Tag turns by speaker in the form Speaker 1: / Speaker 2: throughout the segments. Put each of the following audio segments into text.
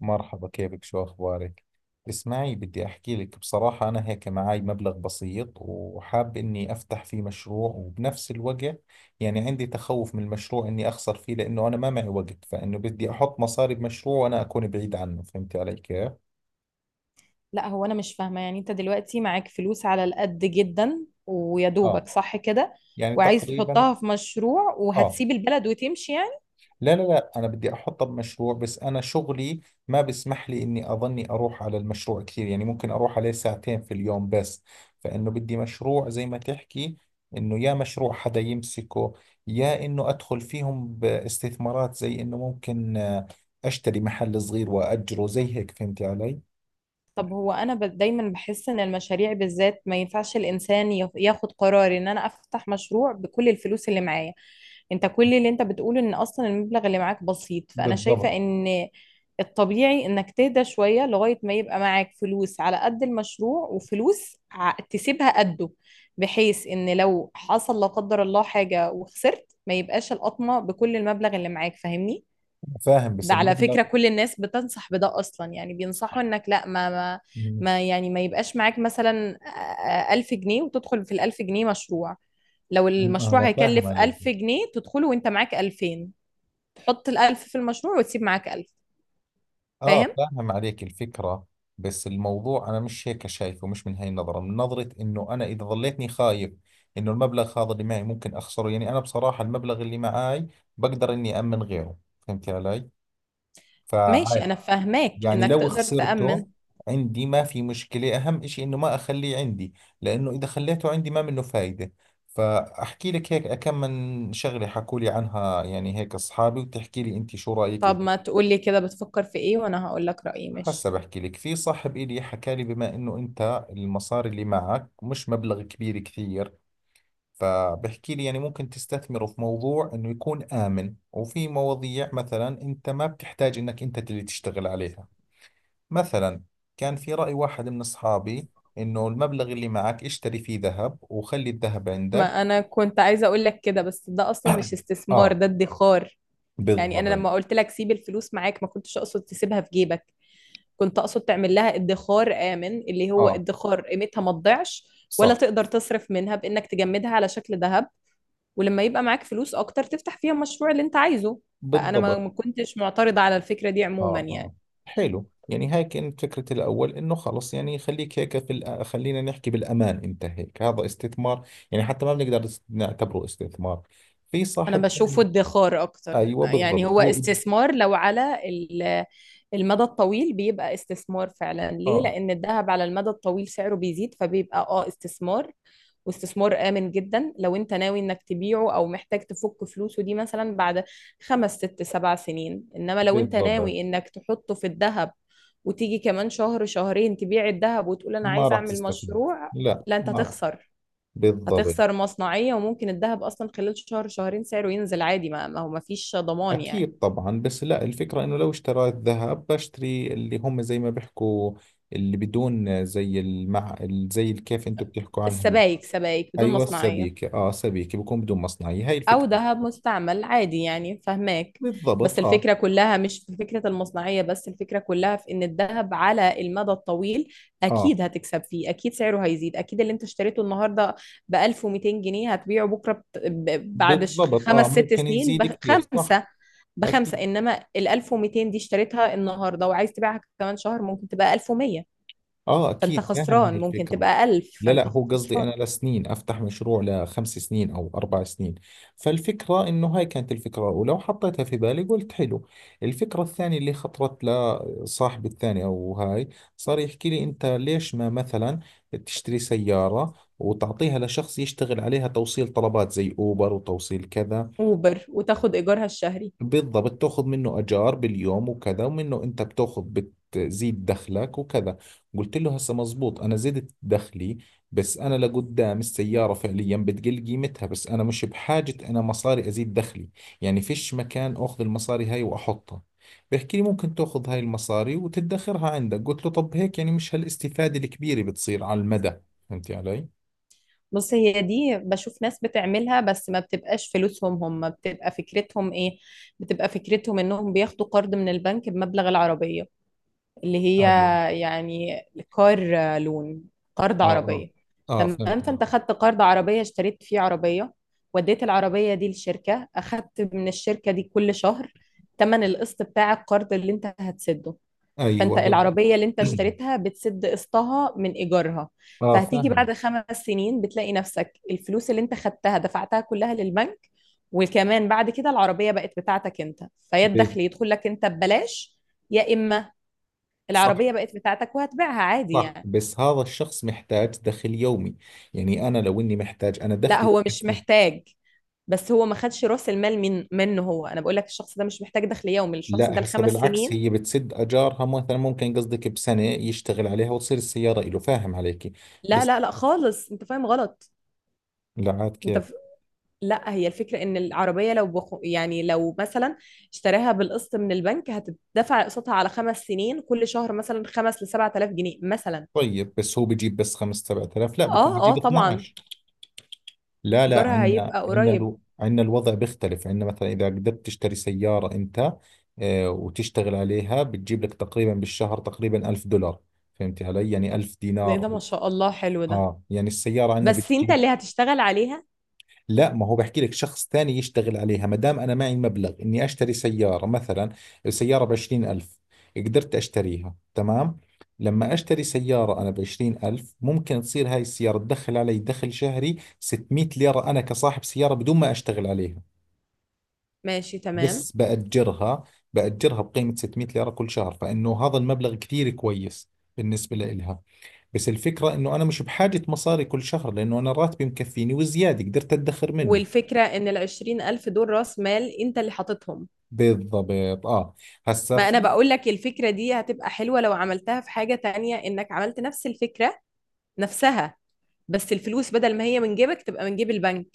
Speaker 1: مرحبا، كيفك؟ شو أخبارك؟ اسمعي، بدي أحكي لك بصراحة. أنا هيك معاي مبلغ بسيط وحاب إني أفتح فيه مشروع، وبنفس الوقت يعني عندي تخوف من المشروع إني أخسر فيه، لأنه أنا ما معي وقت. فإنه بدي أحط مصاري بمشروع وأنا أكون بعيد عنه، فهمتي علي كيف؟
Speaker 2: لا، هو انا مش فاهمه. يعني انت دلوقتي معاك فلوس على القد جدا ويا
Speaker 1: آه.
Speaker 2: دوبك صح كده،
Speaker 1: يعني
Speaker 2: وعايز
Speaker 1: تقريبا.
Speaker 2: تحطها في مشروع
Speaker 1: آه.
Speaker 2: وهتسيب البلد وتمشي يعني؟
Speaker 1: لا لا لا، أنا بدي أحطها بمشروع، بس أنا شغلي ما بسمح لي إني أظني أروح على المشروع كثير. يعني ممكن أروح عليه 2 ساعات في اليوم بس. فإنه بدي مشروع زي ما تحكي، إنه يا مشروع حدا يمسكه، يا إنه أدخل فيهم باستثمارات، زي إنه ممكن أشتري محل صغير وأجره زي هيك، فهمتي علي؟
Speaker 2: طب هو انا دايما بحس ان المشاريع بالذات ما ينفعش الانسان ياخد قرار ان انا افتح مشروع بكل الفلوس اللي معايا. انت كل اللي انت بتقوله ان اصلا المبلغ اللي معاك بسيط، فانا شايفة
Speaker 1: بالضبط.
Speaker 2: ان الطبيعي انك تهدى شوية لغاية ما يبقى معاك فلوس على قد المشروع وفلوس تسيبها قده، بحيث ان لو حصل لا قدر الله حاجة وخسرت ما يبقاش القطمة بكل المبلغ اللي معاك. فاهمني؟
Speaker 1: فاهم، بس
Speaker 2: ده على
Speaker 1: المبلغ.
Speaker 2: فكرة كل الناس بتنصح بده أصلا، يعني بينصحوا إنك لا
Speaker 1: مم.
Speaker 2: ما يعني ما يبقاش معاك مثلا 1000 جنيه وتدخل في ال1000 جنيه مشروع. لو المشروع
Speaker 1: أنا فاهم
Speaker 2: هيكلف
Speaker 1: عليك.
Speaker 2: 1000 جنيه تدخله وأنت معاك 2000، تحط ال1000 في المشروع وتسيب معاك 1000.
Speaker 1: اه،
Speaker 2: فاهم؟
Speaker 1: فاهم عليك الفكرة. بس الموضوع انا مش هيك شايفه، مش من هاي النظرة، من نظرة انه انا اذا ظليتني خايف انه المبلغ هذا اللي معي ممكن اخسره. يعني انا بصراحة المبلغ اللي معي بقدر اني امن غيره، فهمت علي؟
Speaker 2: ماشي،
Speaker 1: فعادي
Speaker 2: أنا فاهماك
Speaker 1: يعني،
Speaker 2: إنك
Speaker 1: لو
Speaker 2: تقدر تأمن.
Speaker 1: خسرته عندي ما في مشكلة. اهم اشي انه ما اخليه عندي، لانه اذا خليته عندي ما منه فايدة. فاحكي لك هيك كم من شغلة حكوا لي عنها يعني هيك اصحابي، وتحكي لي انت شو رأيك.
Speaker 2: طب
Speaker 1: اذا
Speaker 2: ما تقولي كده بتفكر في إيه، وأنا هقول لك رأيي. ماشي.
Speaker 1: هسا بحكي لك، في صاحب إلي حكى لي بما إنه أنت المصاري اللي معك مش مبلغ كبير كثير، فبحكي لي يعني ممكن تستثمره في موضوع إنه يكون آمن، وفي مواضيع مثلا أنت ما بتحتاج إنك أنت اللي تشتغل عليها. مثلا كان في رأي واحد من أصحابي، إنه المبلغ اللي معك اشتري فيه ذهب وخلي الذهب
Speaker 2: ما
Speaker 1: عندك.
Speaker 2: أنا كنت عايزة أقول لك كده، بس ده أصلا مش استثمار،
Speaker 1: آه.
Speaker 2: ده ادخار يعني. أنا
Speaker 1: بالضبط.
Speaker 2: لما قلت لك سيب الفلوس معاك ما كنتش أقصد تسيبها في جيبك، كنت اقصد تعمل لها ادخار آمن، اللي هو
Speaker 1: آه،
Speaker 2: ادخار قيمتها ما تضيعش ولا
Speaker 1: صح.
Speaker 2: تقدر تصرف منها، بانك تجمدها على شكل ذهب. ولما يبقى معاك فلوس اكتر تفتح فيها المشروع اللي انت عايزه. فانا ما
Speaker 1: بالضبط.
Speaker 2: ما كنتش معترضة على الفكرة دي عموما
Speaker 1: اه
Speaker 2: يعني.
Speaker 1: اه. حلو. يعني هاي كانت فكرة الأول، إنه خلص يعني خليك هيك في خلينا نحكي بالأمان. أنت هيك هذا استثمار، يعني حتى ما بنقدر نعتبره استثمار. في
Speaker 2: انا
Speaker 1: صاحب
Speaker 2: بشوفه ادخار اكتر،
Speaker 1: أيوة
Speaker 2: يعني
Speaker 1: بالضبط
Speaker 2: هو
Speaker 1: هو.
Speaker 2: استثمار لو على المدى الطويل بيبقى استثمار فعلا. ليه؟
Speaker 1: آه،
Speaker 2: لان الذهب على المدى الطويل سعره بيزيد فبيبقى استثمار، واستثمار آمن جدا لو انت ناوي انك تبيعه او محتاج تفك فلوسه دي مثلا بعد 5 6 7 سنين. انما لو انت ناوي
Speaker 1: بالضبط.
Speaker 2: انك تحطه في الذهب وتيجي كمان شهر شهرين تبيع الذهب وتقول انا
Speaker 1: ما
Speaker 2: عايز
Speaker 1: راح
Speaker 2: اعمل
Speaker 1: تستفيد.
Speaker 2: مشروع،
Speaker 1: لا
Speaker 2: لا انت
Speaker 1: ما.
Speaker 2: هتخسر.
Speaker 1: بالضبط.
Speaker 2: هتخسر مصنعية، وممكن الذهب أصلا خلال شهر شهرين سعره ينزل عادي. ما هو ما فيش ضمان يعني.
Speaker 1: أكيد طبعا. بس لا، الفكرة إنه لو اشتريت ذهب بشتري اللي هم زي ما بيحكوا، اللي بدون زي المع، زي كيف أنتم بتحكوا عنها.
Speaker 2: السبائك، سبائك بدون
Speaker 1: ايوه،
Speaker 2: مصنعية،
Speaker 1: السبيكه. اه، سبيكه بكون بدون مصنعيه، هاي
Speaker 2: او
Speaker 1: الفكره.
Speaker 2: ذهب مستعمل عادي يعني، فهماك؟ بس
Speaker 1: بالضبط. اه
Speaker 2: الفكرة كلها مش في فكرة المصنعية، بس الفكرة كلها في ان الذهب على المدى الطويل
Speaker 1: اه.
Speaker 2: اكيد هتكسب فيه، اكيد سعره هيزيد، اكيد اللي انت اشتريته النهاردة ب 1200 جنيه هتبيعه بكرة بعد
Speaker 1: بالضبط.
Speaker 2: خمس
Speaker 1: اه،
Speaker 2: ست
Speaker 1: ممكن
Speaker 2: سنين
Speaker 1: يزيد كثير، صح.
Speaker 2: بخمسة.
Speaker 1: اكيد.
Speaker 2: انما ال 1200 دي اشتريتها النهاردة وعايز تبيعها كمان شهر ممكن تبقى 1100،
Speaker 1: اه
Speaker 2: فانت
Speaker 1: اكيد، فاهم هاي
Speaker 2: خسران. ممكن
Speaker 1: الفكره.
Speaker 2: تبقى 1000،
Speaker 1: لا
Speaker 2: فانت
Speaker 1: لا، هو قصدي
Speaker 2: خسران.
Speaker 1: انا لسنين افتح مشروع لخمس سنين او 4 سنين. فالفكره انه هاي كانت الفكره الاولى، وحطيتها في بالي قلت حلو. الفكره الثانيه اللي خطرت لصاحبي الثاني او هاي، صار يحكي لي انت ليش ما مثلا تشتري سياره وتعطيها لشخص يشتغل عليها توصيل طلبات زي اوبر وتوصيل كذا.
Speaker 2: اوبر وتاخد ايجارها الشهري.
Speaker 1: بالضبط، تاخذ منه اجار باليوم وكذا، ومنه انت بتاخذ بتزيد دخلك وكذا. قلت له هسه مزبوط، انا زدت دخلي، بس انا لقدام السياره فعليا بتقل قيمتها. بس انا مش بحاجه، انا مصاري ازيد دخلي، يعني فيش مكان اخذ المصاري هاي واحطها. بيحكي لي ممكن تاخذ هاي المصاري وتدخرها عندك. قلت له طب هيك يعني مش هالاستفاده الكبيره بتصير على المدى، فهمتي علي؟
Speaker 2: بص، هي دي بشوف ناس بتعملها، بس ما بتبقاش فلوسهم هم. بتبقى فكرتهم ايه؟ بتبقى فكرتهم انهم بياخدوا قرض من البنك بمبلغ العربية، اللي هي
Speaker 1: ايوه.
Speaker 2: يعني كار لون، قرض
Speaker 1: اه اه.
Speaker 2: عربية.
Speaker 1: اه،
Speaker 2: تمام،
Speaker 1: فهمت علي.
Speaker 2: فانت خدت قرض عربية، اشتريت فيه عربية، وديت العربية دي للشركة، اخدت من الشركة دي كل شهر تمن القسط بتاع القرض اللي انت هتسده.
Speaker 1: ايوه،
Speaker 2: فانت
Speaker 1: بالضبط.
Speaker 2: العربية اللي انت اشتريتها بتسد قسطها من ايجارها.
Speaker 1: اه،
Speaker 2: فهتيجي
Speaker 1: فاهم.
Speaker 2: بعد 5 سنين بتلاقي نفسك الفلوس اللي انت خدتها دفعتها كلها للبنك، وكمان بعد كده العربية بقت بتاعتك انت. فيا
Speaker 1: بالضبط.
Speaker 2: الدخل يدخل لك انت ببلاش، يا اما العربية بقت بتاعتك وهتبيعها عادي
Speaker 1: صح،
Speaker 2: يعني.
Speaker 1: بس هذا الشخص محتاج دخل يومي. يعني أنا لو إني محتاج، أنا
Speaker 2: لا،
Speaker 1: دخلي
Speaker 2: هو مش
Speaker 1: يكفيني.
Speaker 2: محتاج، بس هو ما خدش راس المال منه. هو انا بقول لك الشخص ده مش محتاج دخل يومي، الشخص ده
Speaker 1: لا هسه
Speaker 2: الخمس
Speaker 1: بالعكس،
Speaker 2: سنين
Speaker 1: هي بتسد أجارها. مثلا ممكن قصدك بسنة يشتغل عليها وتصير السيارة إله، فاهم عليكي؟
Speaker 2: لا
Speaker 1: بس
Speaker 2: لا لا خالص، انت فاهم غلط.
Speaker 1: لا عاد
Speaker 2: انت
Speaker 1: كيف؟
Speaker 2: لا، هي الفكرة ان العربية لو يعني لو مثلا اشتراها بالقسط من البنك هتدفع قسطها على 5 سنين كل شهر مثلا 5 ل7000 جنيه مثلا.
Speaker 1: طيب بس هو بجيب بس 5 7000، لا بكون
Speaker 2: اه اه،
Speaker 1: بجيب
Speaker 2: طبعا
Speaker 1: 12. لا لا،
Speaker 2: ايجارها
Speaker 1: عندنا
Speaker 2: هيبقى
Speaker 1: عندنا
Speaker 2: قريب.
Speaker 1: عندنا الوضع بيختلف. عندنا مثلا إذا قدرت تشتري سيارة أنت وتشتغل عليها، بتجيب لك تقريبا بالشهر تقريبا 1000 دولار. فهمتي علي؟ يعني 1000
Speaker 2: إيه
Speaker 1: دينار.
Speaker 2: ده؟ ما شاء الله، حلو ده،
Speaker 1: اه، يعني السيارة عندنا
Speaker 2: بس انت
Speaker 1: بتجيب.
Speaker 2: اللي هتشتغل عليها.
Speaker 1: لا، ما هو بحكي لك شخص ثاني يشتغل عليها، ما دام أنا معي مبلغ إني أشتري سيارة. مثلا السيارة 20 ألف، قدرت أشتريها تمام. لما أشتري سيارة أنا 20 ألف، ممكن تصير هاي السيارة تدخل علي دخل شهري 600 ليرة، أنا كصاحب سيارة بدون ما أشتغل عليها،
Speaker 2: ماشي، تمام.
Speaker 1: بس بأجرها بقيمة 600 ليرة كل شهر، فإنه هذا المبلغ كثير كويس بالنسبة لإلها. بس الفكرة انه انا مش بحاجة مصاري كل شهر، لانه انا راتبي مكفيني وزيادة قدرت ادخر منه.
Speaker 2: والفكرة ان ال20 ألف دول راس مال انت اللي حاططهم.
Speaker 1: بالضبط، اه. هسا
Speaker 2: ما انا
Speaker 1: في
Speaker 2: بقول لك الفكرة دي هتبقى حلوة لو عملتها في حاجة تانية، انك عملت نفس الفكرة نفسها، بس الفلوس بدل ما هي من جيبك تبقى من جيب البنك،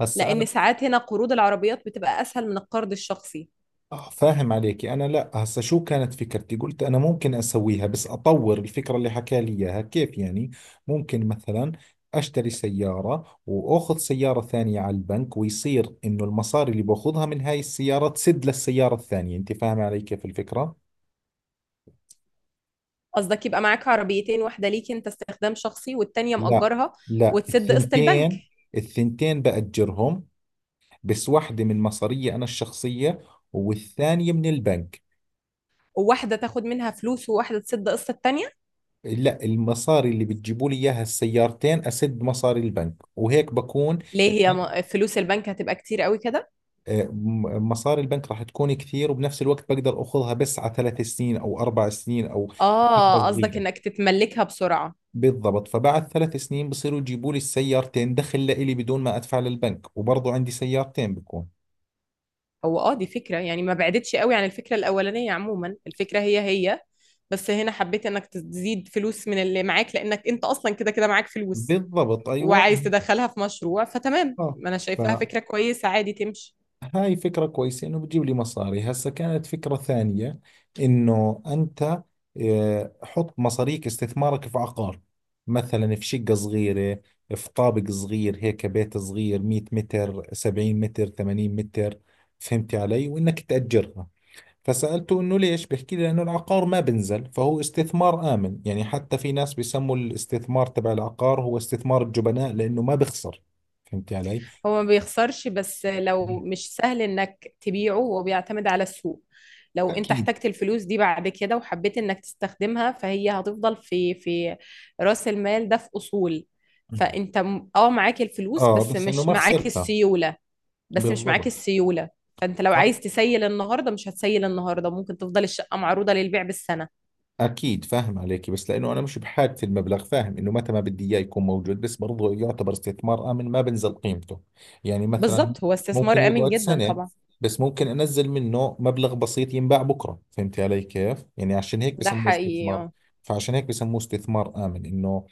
Speaker 1: هسا انا.
Speaker 2: لان ساعات هنا قروض العربيات بتبقى اسهل من القرض الشخصي.
Speaker 1: آه، فاهم عليكي. انا لا، هسا شو كانت فكرتي؟ قلت انا ممكن اسويها بس اطور الفكرة اللي حكى لي اياها. كيف يعني؟ ممكن مثلا اشتري سيارة واخذ سيارة ثانية على البنك، ويصير انه المصاري اللي باخذها من هاي السيارة تسد للسيارة الثانية. انت فاهم علي كيف الفكرة؟
Speaker 2: قصدك يبقى معاك عربيتين، واحده ليك انت استخدام شخصي والتانيه
Speaker 1: لا
Speaker 2: مأجرها
Speaker 1: لا،
Speaker 2: وتسد قسط البنك،
Speaker 1: الثنتين. الثنتين بأجرهم، بس واحدة من مصارية أنا الشخصية والثانية من البنك.
Speaker 2: وواحده تاخد منها فلوس وواحده تسد قسط التانيه.
Speaker 1: لا، المصاري اللي بتجيبوا لي إياها السيارتين أسد مصاري البنك، وهيك بكون.
Speaker 2: ليه؟ هي
Speaker 1: البنك
Speaker 2: فلوس البنك هتبقى كتير قوي كده.
Speaker 1: مصاري البنك راح تكون كثير، وبنفس الوقت بقدر أخذها بس على 3 سنين أو 4 سنين أو فترة
Speaker 2: اه، قصدك
Speaker 1: صغيرة.
Speaker 2: انك تتملكها بسرعه.
Speaker 1: بالضبط، فبعد 3 سنين بصيروا يجيبوا لي السيارتين دخل لإلي بدون ما أدفع للبنك، وبرضو عندي سيارتين بكون.
Speaker 2: هو دي فكره يعني، ما بعدتش قوي عن الفكره الاولانيه عموما. الفكره هي هي، بس هنا حبيت انك تزيد فلوس من اللي معاك، لانك انت اصلا كده كده معاك فلوس
Speaker 1: بالضبط، أيوة.
Speaker 2: وعايز تدخلها في مشروع، فتمام. ما انا شايفاها
Speaker 1: آه.
Speaker 2: فكرة كويسة، عادي تمشي.
Speaker 1: هاي فكرة كويسة إنه بتجيب لي مصاري. هسا كانت فكرة ثانية، إنه أنت حط مصاريك استثمارك في عقار، مثلا في شقة صغيرة، في طابق صغير هيك، بيت صغير 100 متر، 70 متر، 80 متر، فهمتي علي؟ وإنك تأجرها. فسألته إنه ليش؟ بحكي لي لأنه العقار ما بنزل، فهو استثمار آمن. يعني حتى في ناس بيسموا الاستثمار تبع العقار هو استثمار الجبناء، لأنه ما بخسر، فهمتي علي؟
Speaker 2: هو ما بيخسرش، بس لو مش سهل انك تبيعه، هو بيعتمد على السوق. لو انت
Speaker 1: أكيد.
Speaker 2: احتجت الفلوس دي بعد كده وحبيت انك تستخدمها، فهي هتفضل في رأس المال ده، في اصول. فانت معاك الفلوس
Speaker 1: اه،
Speaker 2: بس
Speaker 1: بس انه
Speaker 2: مش
Speaker 1: ما
Speaker 2: معاك
Speaker 1: خسرتها.
Speaker 2: السيولة. بس مش معاك
Speaker 1: بالضبط.
Speaker 2: السيولة فانت لو
Speaker 1: صح
Speaker 2: عايز تسيل النهارده مش هتسيل النهارده، ممكن تفضل الشقة معروضة للبيع بالسنة.
Speaker 1: اكيد، فاهم عليك. بس لانه انا مش بحاجة المبلغ، فاهم انه متى ما بدي اياه يكون موجود، بس برضه يعتبر استثمار امن ما بنزل قيمته. يعني مثلا
Speaker 2: بالظبط، هو
Speaker 1: ممكن
Speaker 2: استثمار آمن
Speaker 1: يقعد
Speaker 2: جدا
Speaker 1: سنة،
Speaker 2: طبعا.
Speaker 1: بس ممكن انزل منه مبلغ بسيط ينباع بكرة، فهمت علي كيف يعني؟ عشان هيك
Speaker 2: ده
Speaker 1: بسموه
Speaker 2: حقيقي
Speaker 1: استثمار،
Speaker 2: آه.
Speaker 1: فعشان هيك بسموه استثمار امن، انه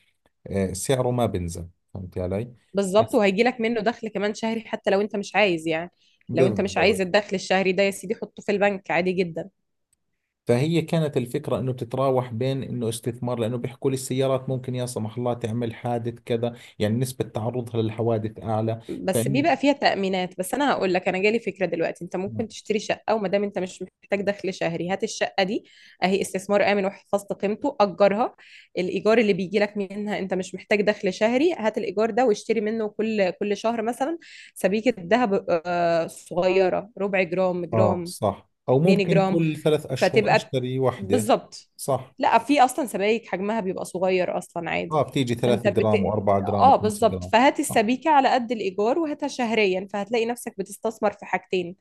Speaker 1: سعره ما بنزل، فهمت علي؟
Speaker 2: بالظبط،
Speaker 1: بس.
Speaker 2: وهيجي لك منه دخل كمان شهري، حتى لو انت مش عايز يعني. لو انت مش عايز
Speaker 1: بالضبط.
Speaker 2: الدخل الشهري ده يا سيدي، حطه في البنك عادي جدا.
Speaker 1: فهي كانت الفكرة انه بتتراوح، بين انه استثمار لانه بيحكوا لي السيارات ممكن يا سمح الله تعمل حادث كذا، يعني نسبة تعرضها للحوادث اعلى.
Speaker 2: بس
Speaker 1: فإن.
Speaker 2: بيبقى فيها تأمينات. بس انا هقول لك، انا جالي فكرة دلوقتي. انت ممكن تشتري شقة، وما دام انت مش محتاج دخل شهري، هات الشقة دي اهي استثمار آمن وحفظت قيمته، اجرها. الايجار اللي بيجي لك منها، انت مش محتاج دخل شهري، هات الايجار ده واشتري منه كل شهر مثلا سبيكة ذهب صغيرة، 1/4 جرام،
Speaker 1: اه
Speaker 2: جرام،
Speaker 1: صح، او ممكن
Speaker 2: 2 جرام.
Speaker 1: كل 3 اشهر
Speaker 2: فتبقى
Speaker 1: اشتري وحدة.
Speaker 2: بالظبط.
Speaker 1: صح.
Speaker 2: لا، في اصلا سبايك حجمها بيبقى صغير اصلا عادي.
Speaker 1: اه، بتيجي
Speaker 2: فانت
Speaker 1: 3 جرام و4 جرام
Speaker 2: اه
Speaker 1: و5
Speaker 2: بالظبط،
Speaker 1: جرام.
Speaker 2: فهات
Speaker 1: آه.
Speaker 2: السبيكه على قد الايجار وهاتها شهريا، فهتلاقي نفسك بتستثمر في حاجتين،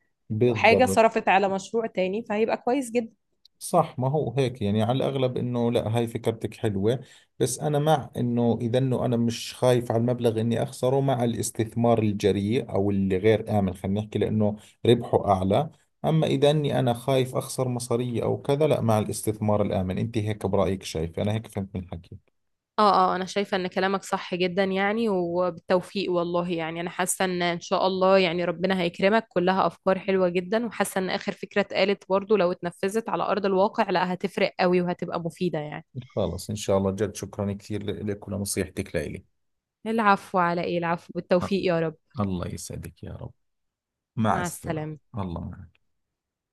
Speaker 2: وحاجه
Speaker 1: بالضبط.
Speaker 2: صرفت على مشروع تاني، فهيبقى كويس جدا.
Speaker 1: صح، ما هو هيك يعني على الأغلب. إنه لا، هاي فكرتك حلوة. بس أنا مع إنه إذا إنه أنا مش خايف على المبلغ إني أخسره، مع الاستثمار الجريء أو اللي غير آمن خلينا نحكي، لأنه ربحه أعلى. أما إذا إني أنا خايف أخسر مصارية أو كذا، لا، مع الاستثمار الآمن. أنت هيك برأيك شايف؟ أنا هيك فهمت من حكيك.
Speaker 2: اه اه، انا شايفة ان كلامك صح جدا يعني، وبالتوفيق والله، يعني انا حاسة ان ان شاء الله يعني ربنا هيكرمك. كلها افكار حلوة جدا، وحاسة ان اخر فكرة اتقالت برضو لو اتنفذت على ارض الواقع لا هتفرق قوي وهتبقى مفيدة يعني.
Speaker 1: خلص، إن شاء الله. جد شكرا كثير لك ولنصيحتك لإلي.
Speaker 2: العفو، على ايه العفو؟ بالتوفيق
Speaker 1: الله،
Speaker 2: يا رب.
Speaker 1: الله يسعدك يا رب. مع
Speaker 2: مع
Speaker 1: السلامة.
Speaker 2: السلامة.
Speaker 1: الله معك.